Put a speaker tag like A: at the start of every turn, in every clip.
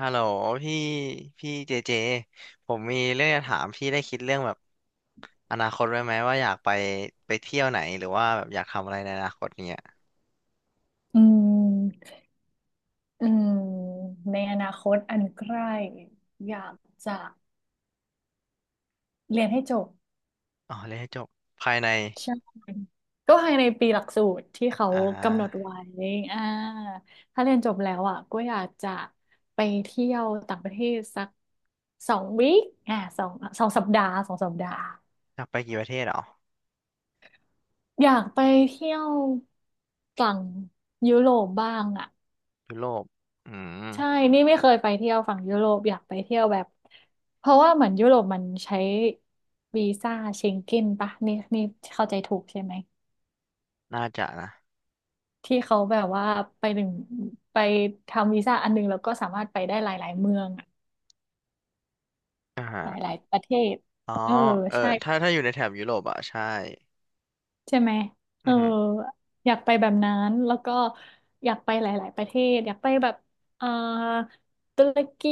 A: ฮัลโหลพี่พี่เจเจผมมีเรื่องจะถามพี่ได้คิดเรื่องแบบอนาคตไว้ไหมว่าอยากไปเที่ยวไหนหรือว่าแบบอยากทำอะไรในอนาคตเนี้ย
B: อืมอืมในอนาคตอันใกล้อยากจะเรียนให้จบ
A: อ๋อเรียนให้จบภายใน
B: ใช่ก็ภายในปีหลักสูตรที่เขา
A: อ่
B: กำหนด
A: า
B: ไว้อ่าถ้าเรียนจบแล้วอ่ะก็อยากจะไปเที่ยวต่างประเทศสักสองวีคอ่าสองสองสัปดาห์สองสัปดาห์
A: อยากไปกี่ประเทศเหรอ
B: อยากไปเที่ยวฝั่งยุโรปบ้างอ่ะ
A: ยุโรปอืม
B: ใช่ นี่ไม่เคยไปเที่ยวฝั่งยุโรปอยากไปเที่ยวแบบ เพราะว่าเหมือนยุโรปมันใช้วีซ่าเชงเก้นปะนี่เข้าใจถูกใช่ไหม
A: น่าจะนะ
B: ที่เขาแบบว่าไปหนึ่งไปทำวีซ่าอันหนึงแล้วก็สามารถไปได้หลายๆเมืองอะ
A: อ่าฮะ
B: หลายๆประเทศ
A: อ๋อ
B: เออ
A: เออ
B: ใช่
A: ถ้าอยู่ในแถบยุโรปอ่ะใช่
B: ใช่ไหมเอ
A: อื
B: อ
A: อหือ
B: อยากไปแบบนั้นแล้วก็อยากไปหลายๆประเทศ อยากไปแบบเอ่อตุรกี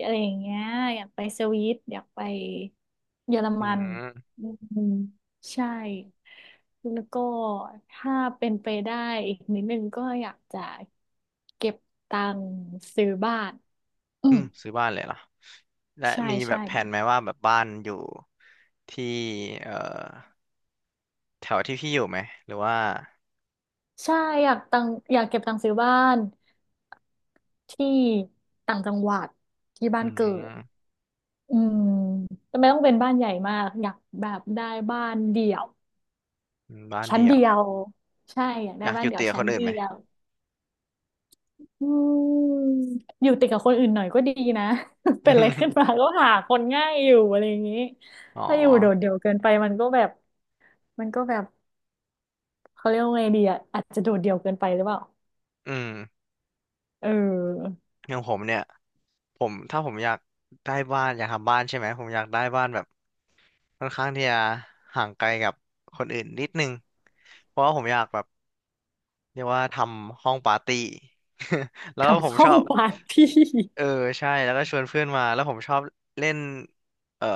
B: อะไรอย่างเงี้ยอยากไปสวิตอยากไปเยอร
A: อื
B: มัน
A: ม
B: อืมใช่แล้วก็ถ้าเป็นไปได้อีกนิดนึงก็อยากจะเก็บตังค์ซื้อบ้านอื
A: อื
B: ม
A: มซื้อบ้านเลยเหรอและ
B: ใช่
A: มีแบ
B: ใช่
A: บแผ
B: ไหม
A: นไหมว่าแบบบ้านอยู่ที่เอ่อแถวที่พี่อยู่ไหมหรือว่า
B: ใช่อยากตังอยากเก็บตังค์ซื้อบ้านที่ต่างจังหวัดที่บ้า
A: อื
B: น
A: ม
B: เกิด อืมแต่ไม่ต้องเป็นบ้านใหญ่มากอยากแบบได้บ้านเดี่ยว
A: บ้าน
B: ชั้น
A: เดี่ย
B: เดี
A: ว
B: ยวใช่อยาก
A: อ
B: ได้
A: ยาก
B: บ้า
A: อ
B: น
A: ยู่
B: เดี่ยว
A: เตียค
B: ชั้น
A: นอื่น
B: เดี
A: ไหม
B: ยวอืมอยู่ติดกับคนอื่นหน่อยก็ดีนะ เป็นอะไรขึ้นมา ก็หาคนง่ายอยู่อะไรอย่างนี้
A: อ๋อ
B: ถ้าอยู่โดดเดี่ยวเกินไปมันก็แบบเขาเรียกว่าไงดีอ่ะอาจจะโดดเดี่ยวเกินไปหรือเปล่า
A: อืม
B: เออ
A: อย่างผมเนี่ยผมถ้าผมอยากได้บ้านอยากทำบ้านใช่ไหมผมอยากได้บ้านแบบค่อนข้างที่จะห่างไกลกับคนอื่นนิดนึงเพราะว่าผมอยากแบบเรียกว่าทำห้องปาร์ตี้ แล้วผ
B: ทำ
A: ม
B: ห้
A: ช
B: อ
A: อ
B: ง
A: บ
B: ปาร์ตี้
A: เออใช่แล้วก็ชวนเพื่อนมาแล้วผมชอบเล่นเอ่อ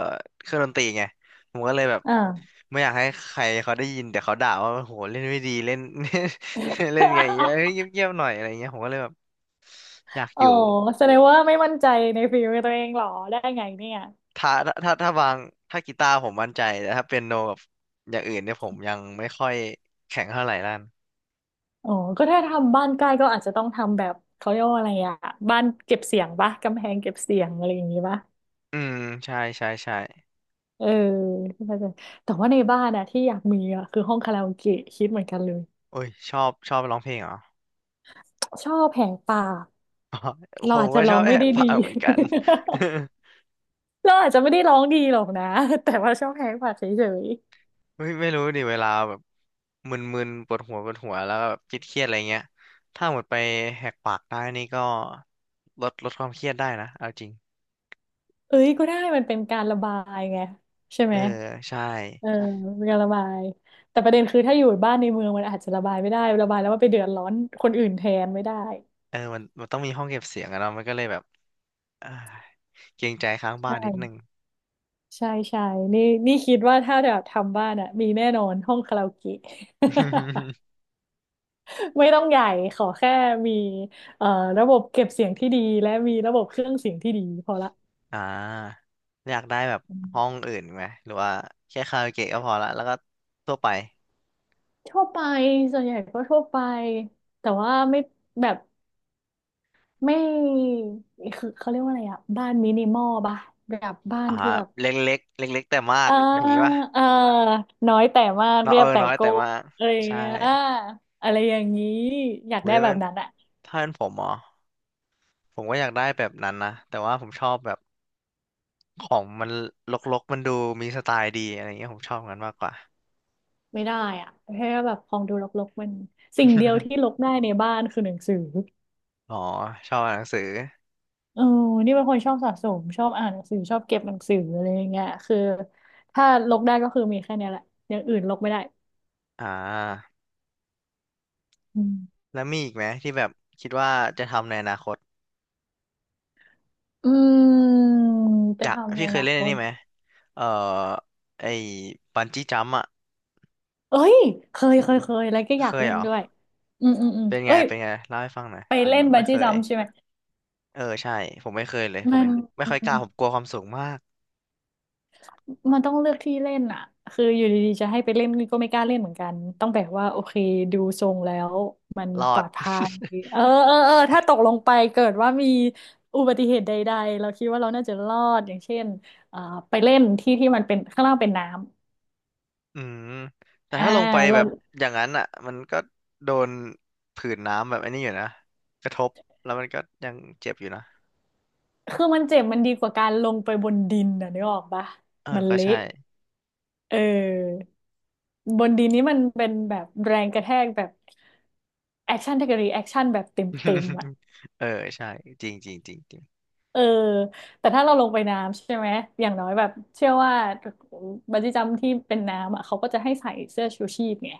A: เครื่องดนตรีไงผมก็เลยแบบ
B: อ่า
A: ไม่อยากให้ใครเขาได้ยินแต่เขาด่าว่าโหเล่นไม่ดีเล่น เล่นไง่งเงี้ยเอ้ย เงียบๆหน่อยอะไรเงี้ยผมก็เลยแบบอยาก
B: อ๋
A: อ
B: อ
A: ยู่
B: แสดงว่าไม่มั่นใจในฝีมือตัวเองเหรอได้ไงเนี่ย
A: ถ้าถ้าถ้าวางถ้ากีตาร์ผมมั่นใจแต่ถ้าเปียโนกับอย่างอื่นเนี่ยผมยังไม่ค่อยแข็งเท่าไหร่ด้าน
B: อ๋อก็ถ้าทำบ้านใกล้ก็อาจจะต้องทำแบบเขาเรียกว่าอะไรอะบ้านเก็บเสียงปะกำแพงเก็บเสียงอะไรอย่างงี้ปะ
A: อืมใช่ใช่ใช่
B: เออเข้าใจแต่ว่าในบ้านอะที่อยากมีอะคือห้องคาราโอเกะคิดเหมือนกันเลย
A: โอ้ยชอบร้องเพลงเหรอ
B: ชอบแหกปาก
A: ผ
B: เรา
A: ม
B: อาจ
A: ก็
B: จะ
A: ช
B: ร้
A: อ
B: อ
A: บ
B: ง
A: แอ
B: ไม่
A: บ
B: ได้
A: ฟั
B: ดี
A: งเหมือนกัน
B: เราอาจจะไม่ได้ร้องดีหรอกนะ แต่ว่าชอบแหกปากเฉย
A: ไม่รู้ดิเวลาแบบมึนๆปวดหัวแล้วก็แบบคิดเครียดๆอะไรเงี้ยถ้าหมดไปแหกปากได้นี่ก็ลดความเครียดได้นะเอาจริง
B: ๆเอ้ยก็ได้มันเป็นการระบายไงใช่
A: เอ
B: ไหม
A: อใช่
B: เออเป็นการระบายแต่ประเด็นคือถ้าอยู่บ้านในเมืองมันอาจจะระบายไม่ได้ระบายแล้วมันไปเดือดร้อนคนอื่นแทนไม่ได้
A: เออมันต้องมีห้องเก็บเสียงอะเนาะมันก็เลยแบบ เอ้ยเกรงใจข้างบ้านนิดนึง
B: ใช่ใช่นี่นี่คิดว่าถ้าแบบทำบ้านอ่ะมีแน่นอนห้องคาราโอเกะ ไม่ต้องใหญ่ขอแค่มีเอ่อระบบเก็บเสียงที่ดีและมีระบบเครื่องเสียงที่ดีพอละ
A: อ่าอยากได้แบบ
B: อื
A: ห้อง
B: ม
A: อื่นไหมหรือว่าแค่คาราโอเกะก็พอละแล้วก็ทั่วไป
B: ทั่วไปส่วนใหญ่ก็ทั่วไปแต่ว่าไม่แบบไม่คือเขาเรียกว่าอะไรอ่ะบ้านมินิมอลป่ะแบบบ้าน
A: อ่า
B: ที่แบบ
A: เล็กเล็กเล็กเล็กๆแต่มา
B: เอ
A: ก
B: อ
A: อย่างงี้ป่ะ
B: เออน้อยแต่มาก
A: น้อย
B: เรี
A: เอ
B: ย
A: อ
B: บแต่
A: น้อยแต่
B: โก้
A: มาก
B: อะไรอย่าง
A: ใช่
B: เงี้ยอะไรอย่างนี้อยาก
A: เว้
B: ได้
A: ย
B: แบ
A: เป็
B: บ
A: น
B: นั้นอะ
A: ถ้าเป็นผมเหรอ ผมก็อยากได้แบบนั้นนะแต่ว่าผมชอบแบบของมันรกๆมันดูมีสไตล์ดีอะไรเงี้ยผมชอบงั้นมากกว่า
B: ไม่ได้อ่ะแค่แบบของดูรกๆมันสิ่งเดียวที่รกได้ในบ้านคือหนังสือ
A: อ๋อชอบอ่านหนังสือ
B: เออนี่เป็นคนชอบสะสมชอบอ่านหนังสือชอบเก็บหนังสืออะไรอย่างเงี้ยคือถ้าลกได้ก็คือมีแค่เนี้ยแหละอย่างอื่นลกไม่ได้
A: อ่า
B: อืม
A: แล้วมีอีกไหมที่แบบคิดว่าจะทำในอนาคต
B: อืม
A: อ
B: จะ
A: ยาก
B: ทำใน
A: พี่
B: อ
A: เคย
B: นา
A: เล่น
B: ค
A: อัน
B: ต
A: นี้ไหมเอ่อไอ้บันจี้จัมป์อ่ะ
B: เอ้ยเคยเคยแล้วก็อ
A: เค
B: ยาก
A: ย
B: เล่
A: เห
B: น
A: รอ
B: ด้วยอืม
A: เป็นไง
B: เอ้ย
A: เป็นไงเล่าให้ฟังหน่อย
B: ไป
A: ผม
B: เล่นบั
A: ไม่
B: น
A: เค
B: จี้จั
A: ย
B: มพ์ใช่ไหม
A: เออใช่ผมไม่เคยเลยผม
B: มัน
A: ไม่ค่อยกล้าผมกลัวความสูงมาก
B: มันต้องเลือกที่เล่นอ่ะคืออยู่ดีๆจะให้ไปเล่นก็ไม่กล้าเล่นเหมือนกันต้องแบบว่าโอเคดูทรงแล้วมัน
A: รอ
B: ปล
A: ด
B: อดภัยเออถ้าตกลงไปเกิดว่ามีอุบัติเหตุใดๆเราคิดว่าเราน่าจะรอดอย่างเช่นเอ่อไปเล่นที่ที่มันเป็นข้างล่างเป็นน้ำ
A: อืมแต่
B: อ่า
A: ถ้าลงไปแบ
B: เรา
A: บอย่างนั้นอ่ะมันก็โดนผื่นน้ำแบบไอันนี้อยู่นะกระทบแล้วมันก็ยังเจ็บอยู่นะ
B: คือมันเจ็บมันดีกว่าการลงไปบนดินนะนึกออกปะ
A: เออ
B: มัน
A: ก็
B: เละ
A: ใช่
B: เออบนดินนี้มันเป็นแบบแรงกระแทกแบบแอคชั่นแทกรีแอคชั่นแบบเต็มๆอ่ะ
A: เออใช่จริงจริงจริงจริง
B: เออแต่ถ้าเราลงไปน้ำใช่ไหมอย่างน้อยแบบเชื่อว่าบันจี้จัมพ์ที่เป็นน้ำอ่ะเขาก็จะให้ใส่เสื้อชูชีพไง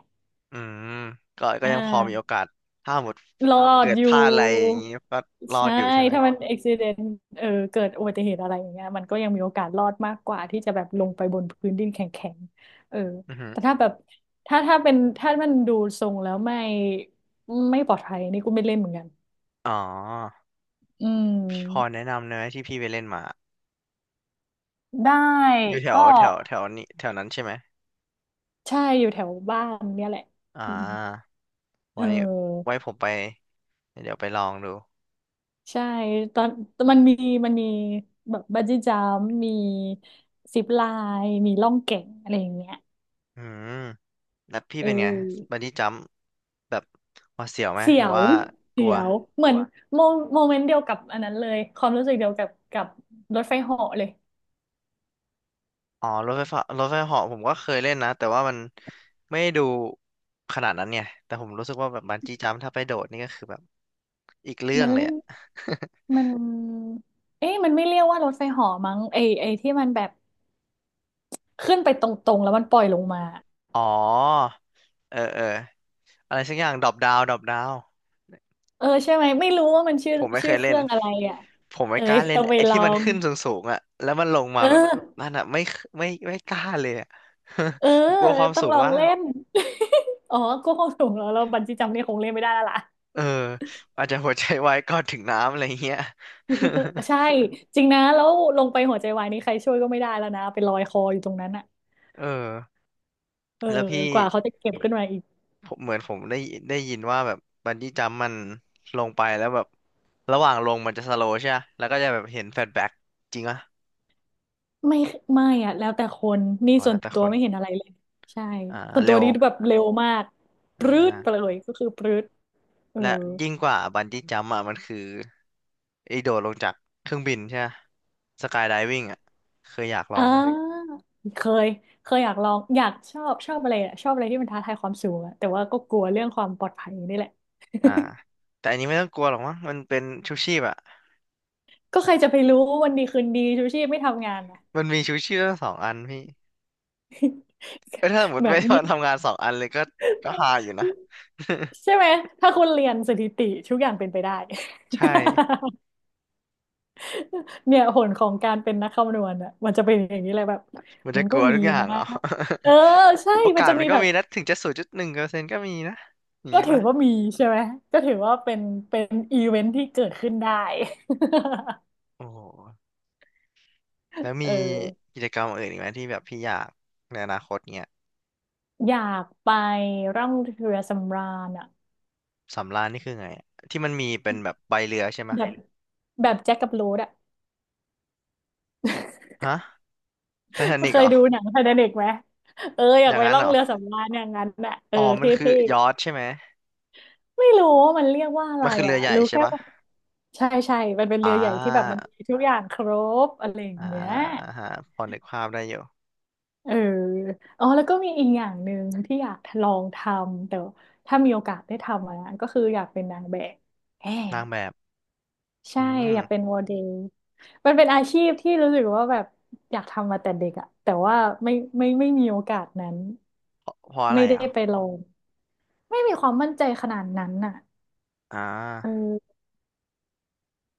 A: อืมก็
B: อ่
A: ยังพอมีโอ
B: า
A: กาสถ้าหมด
B: รอ
A: เกิ
B: ด
A: ด
B: อ
A: พลา
B: ยู่
A: ดอะไรอย่างนี้ก็รอด
B: ใช่
A: อยู่ใช่ไหม
B: ถ้ามันอุบิเหตุเออเกิดอุบัติเหตุอะไรอย่างเงี้ยมันก็ยังมีโอกาสรอดมากกว่าที่จะแบบลงไปบนพื้นดินแข็งๆเออ
A: อือหือ
B: แต่ถ้าแบบถ้ามันดูทรงแล้วไม่ปลอดภัยนี่กูไม่เล่นเหมือนกัน
A: อ๋อ
B: อื
A: พี่พอ
B: ม
A: แนะนำเนื้อที่พี่ไปเล่นมา
B: ได้
A: อยู่แถว
B: ก็
A: แถวแถวนี้แถวนั้นใช่ไหม
B: ใช่อยู่แถวบ้านเนี่ยแหละ
A: อ่
B: อืม
A: า
B: เ
A: ไว้
B: ออ
A: ไว้ผมไปเดี๋ยวไปลองดู
B: ใช่ตอนมันมีมันมีแบบบันจี้จัมป์มีซิปไลน์มีล่องแก่งอะไรอย่างเงี้ย
A: อืม แล้วพี่
B: เอ
A: เป็นไง
B: อ
A: บันจี้จัมพ์แบบหวาดเสียวไหม
B: เสี
A: ห
B: ย
A: รือ
B: ว
A: ว่าก
B: เสี
A: ลัว
B: ยว เหมือนโมโมเมนต์เดียวกับอันนั้นเลย ความรู้สึกเดียวกับรถไฟเหาะเลย
A: อ๋อรถไฟฟ้ารถไฟเหาะผมก็เคยเล่นนะแต่ว่ามันไม่ได้ดูขนาดนั้นเนี่ยแต่ผมรู้สึกว่าแบบบันจี้จัมพ์ถ้าไปโดดนี่ก็คือแบบอีกเรื่อ
B: มั
A: ง
B: น
A: เลย
B: เล่น
A: อะ
B: มันเอ๊ะมันไม่เรียกว่ารถไฟเหาะมั้งไอที่มันแบบขึ้นไปตรงๆแล้วมันปล่อยลงมา
A: อ๋อเออเอออะไรสักอย่างดรอปดาวดรอปดาว
B: เออใช่ไหมไม่รู้ว่ามันชื่อ
A: ผมไม่เค
B: ชื่อ
A: ย
B: เค
A: เล่น
B: รื่องอะไรอ่ะ
A: ผมไม่
B: เอ้
A: กล้า
B: ย
A: เล่
B: ต้
A: น
B: องไป
A: ไอ้
B: ล
A: ที่
B: อ
A: มัน
B: ง
A: ขึ้นสูงๆอะแล้วมันลงมา
B: เอ
A: แบบ
B: อ
A: นั่นอะไม่กล้าเลยอะ
B: เออ
A: ผมกลัวความ
B: ต้อ
A: สู
B: งล
A: ง
B: อง
A: มา
B: เล่
A: ก
B: น อ๋อก็คงถูกแล้วเราบันจี้จัมป์นี่คงเล่นไม่ได้แล้วล่ะ
A: เอออาจจะหัวใจวายก่อนถึงน้ำอะไรเงี้ย
B: ใช่ จริงนะแล้วลงไปหัวใจวายนี่ใครช่วยก็ไม่ได้แล้วนะไปลอยคออยู่ตรงนั้นอ่ะ
A: เออ
B: เออ
A: แล้วพี่
B: กว่าเขาจะเก็บขึ้นมาอีก
A: ผมเหมือนผมได้ยินว่าแบบบันจี้จัมป์มันลงไปแล้วแบบระหว่างลงมันจะสโลว์ใช่ไหมแล้วก็จะแบบเห็นแฟลชแบ็กจริงอ่ะ
B: ไม่ไม่อ่ะแล้วแต่คนนี่
A: อ๋อ
B: ส่
A: แล้
B: ว
A: ว
B: น
A: แต่
B: ตั
A: ค
B: ว
A: น
B: ไม่เห็นอะไรเลยใช่
A: อ่า
B: ส่วน
A: เร็
B: ตัว
A: ว
B: นี้แบบเร็วมากปรื๊ด
A: อ่า
B: ไปเลยก็คือปรื๊ดเออ
A: และยิ่งกว่าบันจี้จัมป์อ่ะมันคือไอ้โดดลงจากเครื่องบินใช่ไหมสกายไดวิ่งอ่ะเคยอยากลอ
B: อ่
A: งไหม
B: าเคยเคยอยากลองอยากชอบอะไรอะชอบอะไรที่มันท้าทายความสูงอะแต่ว่าก็กลัวเรื่องความปลอดภัยนี่แหละ
A: อ่าแต่อันนี้ไม่ต้องกลัวหรอกมั้งมันเป็นชูชีพอ่ะ
B: ก็ใครจะไปรู้วันดีคืนดีชูชีพไม่ทำงานนะ
A: มันมีชูชีพทั้งสองอันพี่ ก็ถ้าสมมติ
B: แบ
A: ไม่
B: บนี้
A: ทำงาน2 อันเลยก็ก็ฮาอยู่นะ
B: ใช่ไหมถ้าคุณเรียนสถิติทุกอย่างเป็นไปได้
A: ใช่
B: เนี่ยผลของการเป็นนักคำนวณอ่ะมันจะเป็นอย่างนี้เลยแบบ
A: มัน
B: มั
A: จะ
B: น
A: ก
B: ก็
A: ลัว
B: มี
A: ทุกอย่าง
B: นะ
A: เหรอ
B: เออใช่
A: โอ
B: มัน
A: กาส
B: จะ
A: มั
B: มี
A: นก็
B: แบบ
A: มีนะถึงจะ0.1%ก็มีนะอย่าง
B: ก็
A: นี้
B: ถือ
A: ปะ
B: ว่ามีใช่ไหมก็ถือว่าเป็นเป็นอีเวนท์ที่เกิดขึ้นได้
A: โอ้โหแล้ว
B: เออ
A: มีกิจกรรมอื่นอีกไหมที่แบบพี่อยากในอนาคตเนี้ย
B: อยากไปร่องเรือสำราญอ่ะ
A: สำราญนี่คือไงอะที่มันมีเป็นแบบใบเรือใช่ไหม
B: แบบแบบแจ็คกับโรสอ่ะ
A: ฮะไททานิ ก
B: เค
A: เหร
B: ย
A: อ
B: ดูหนังไททานิกไหมเอออ
A: อ
B: ยาก
A: ย่าง
B: ไป
A: นั้น
B: ร่อ
A: เหร
B: ง
A: อ
B: เรือสำราญอย่างนั้นอ่ะเออ
A: อ๋อ
B: เท
A: มันคือ
B: ่
A: ยอชท์ใช่ไหม
B: ๆไม่รู้ว่ามันเรียกว่าอะไร
A: มันคือเรื
B: อ่ะ
A: อใหญ่
B: รู้
A: ใช่
B: แค่
A: ปะ
B: ว่าใช่ใช่มันเป็นเรื
A: อ่า
B: อใหญ่ที่แบบมันมีทุกอย่างครบอะไรอย่าง
A: อ่
B: เงี้ย
A: าฮะพอนึกภาพได้อยู่
B: เอออ๋อแล้วก็มีอีกอย่างหนึ่งที่อยากลองทำแต่ถ้ามีโอกาสได้ทำอะนะก็คืออยากเป็นนางแบบแหม
A: นางแบบอื
B: ใช่อยากเป็น
A: ม
B: โมเดลมันเป็นอาชีพที่รู้สึกว่าแบบอยากทำมาแต่เด็กอะแต่ว่าไม่ไม่มีโอกาสนั้น
A: เพราะเพราะอะ
B: ไม่
A: ไร
B: ได้
A: อ่ะ
B: ไปลองไม่มีความมั่นใจขนาดนั้นน่ะ
A: อ่
B: เอ
A: า
B: อ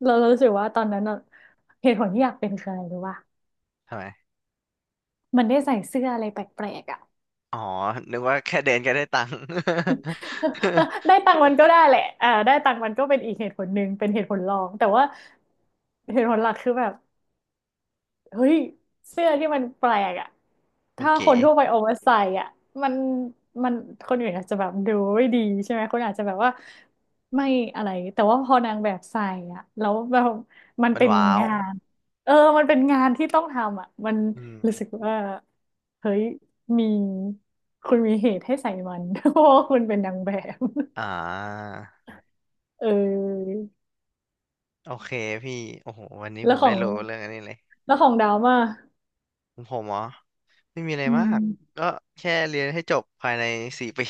B: เรารู้สึกว่าตอนนั้นอะเหตุผลที่อยากเป็นคืออะไรรู้ป่ะ
A: ทำไม
B: มันได้ใส่เสื้ออะไรแปลกๆอะ
A: อ๋อ นึกว่าแค่เดินก็ได้ตังค์
B: ได้ตังค์มันก็ได้แหละอ่าได้ตังค์มันก็เป็นอีกเหตุผลหนึ่งเป็นเหตุผลรองแต่ว่าเหตุผลหลักคือแบบ เฮ้ยเสื้อที่มันแปลกอะ
A: มัน
B: ถ้าค
A: เก๋
B: นทั่วไปโอเวอร์ไซส์อะมันมันคนอื่นอาจจะแบบดูไม่ดีใช่ไหมคนอาจจะแบบว่าไม่อะไรแต่ว่าพอนางแบบใส่อะแล้วแบบมัน
A: มัน
B: เป็น
A: ว้าว
B: งานเออมันเป็นงานที่ต้องทำอะมัน
A: อืม
B: รู้สึกว่าเฮ้ยมีคุณมีเหตุให้ใส่มัน เพราะว่าคุณเป็นนางแบบ
A: อ่า
B: เออ
A: โอเคพี่โอ้โหวันนี้
B: แล้
A: ผ
B: ว
A: ม
B: ขอ
A: ได้
B: ง
A: รู้เรื่องอันนี้เลย
B: แล้วของดาวมา
A: ของผมเหรอไม่มีอะไร
B: อื
A: มาก
B: ม
A: ก็แค่เรียนให้จบภายในสี่ปี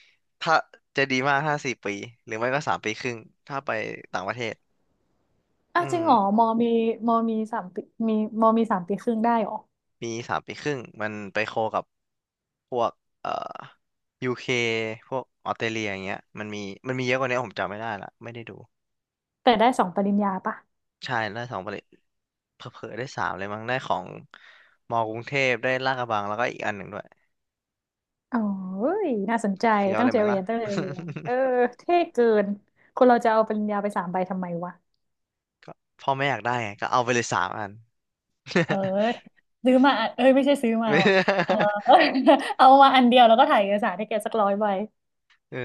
A: ถ้าจะดีมากถ้า4 ปี หรือไม่ก็3 ปีครึ่ง ถ้าไปต่างประเทศ
B: อ่ะ
A: อื
B: จริง
A: ม
B: เหรอมอมีมอมีสามปีมีมอมี3 ปีครึ่งได้เหรอ
A: ปี3 ปีครึ่งมันไปโคกับพวกเอ่อยูเคพวกออสเตรเลียอย่างเงี้ยมันมีเยอะกว่านี้ผมจำไม่ได้ละไม่ได้ดู
B: แต่ได้สองปริญญาปะ
A: ใช่ได้สองประเด็นเผลอๆได้สามเลยมั้งได้ของมอกรุงเทพได้ลาดกระบังแล้วก็อีกอันหนึ่งด้วย
B: อ๋อเอ้ยน่าสนใจ
A: เฟี้ยว
B: ตั้ง
A: เลย
B: ใจ
A: ไหม
B: เรี
A: ล่ะ
B: ยนตั้งใจเรียนเออเท่เกินคนเราจะเอาปริญญาไปสามใบทำไมวะ
A: ก็พ่อแม่อยากได้ไงก็เอาไปเลย3 อัน
B: เออ ซื้อมาอะเอ้ยไม่ใช่ซื้อมา
A: ไม
B: ว่ะเออ
A: ่
B: เอามาอันเดียวแล้วก็ถ่ายเอกสารให้แกสัก100 ใบ
A: เออ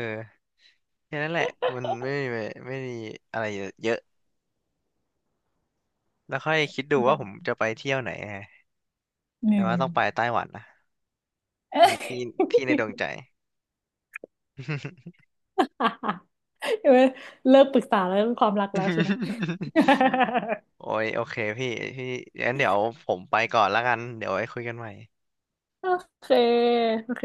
A: แค่นั้นแหละ มันไม่มีอะไรเยอะแล้วค่อยคิดดูว่าผมจะไปเที่ยวไหนไง
B: ห
A: แต่
B: นึ่
A: ว่า
B: ง
A: ต้องไปไต้หวันนะ มีที่ ที่ในดวงใจ
B: เออเลิกปรึกษาแล้วเรื่องความรักแล้วใช่ไหม
A: โอ้ ยโอเคพี่งั้นเดี๋ยวผมไปก่อนละกัน เดี๋ยวไว้คุยกันใหม่
B: โอเคโอเค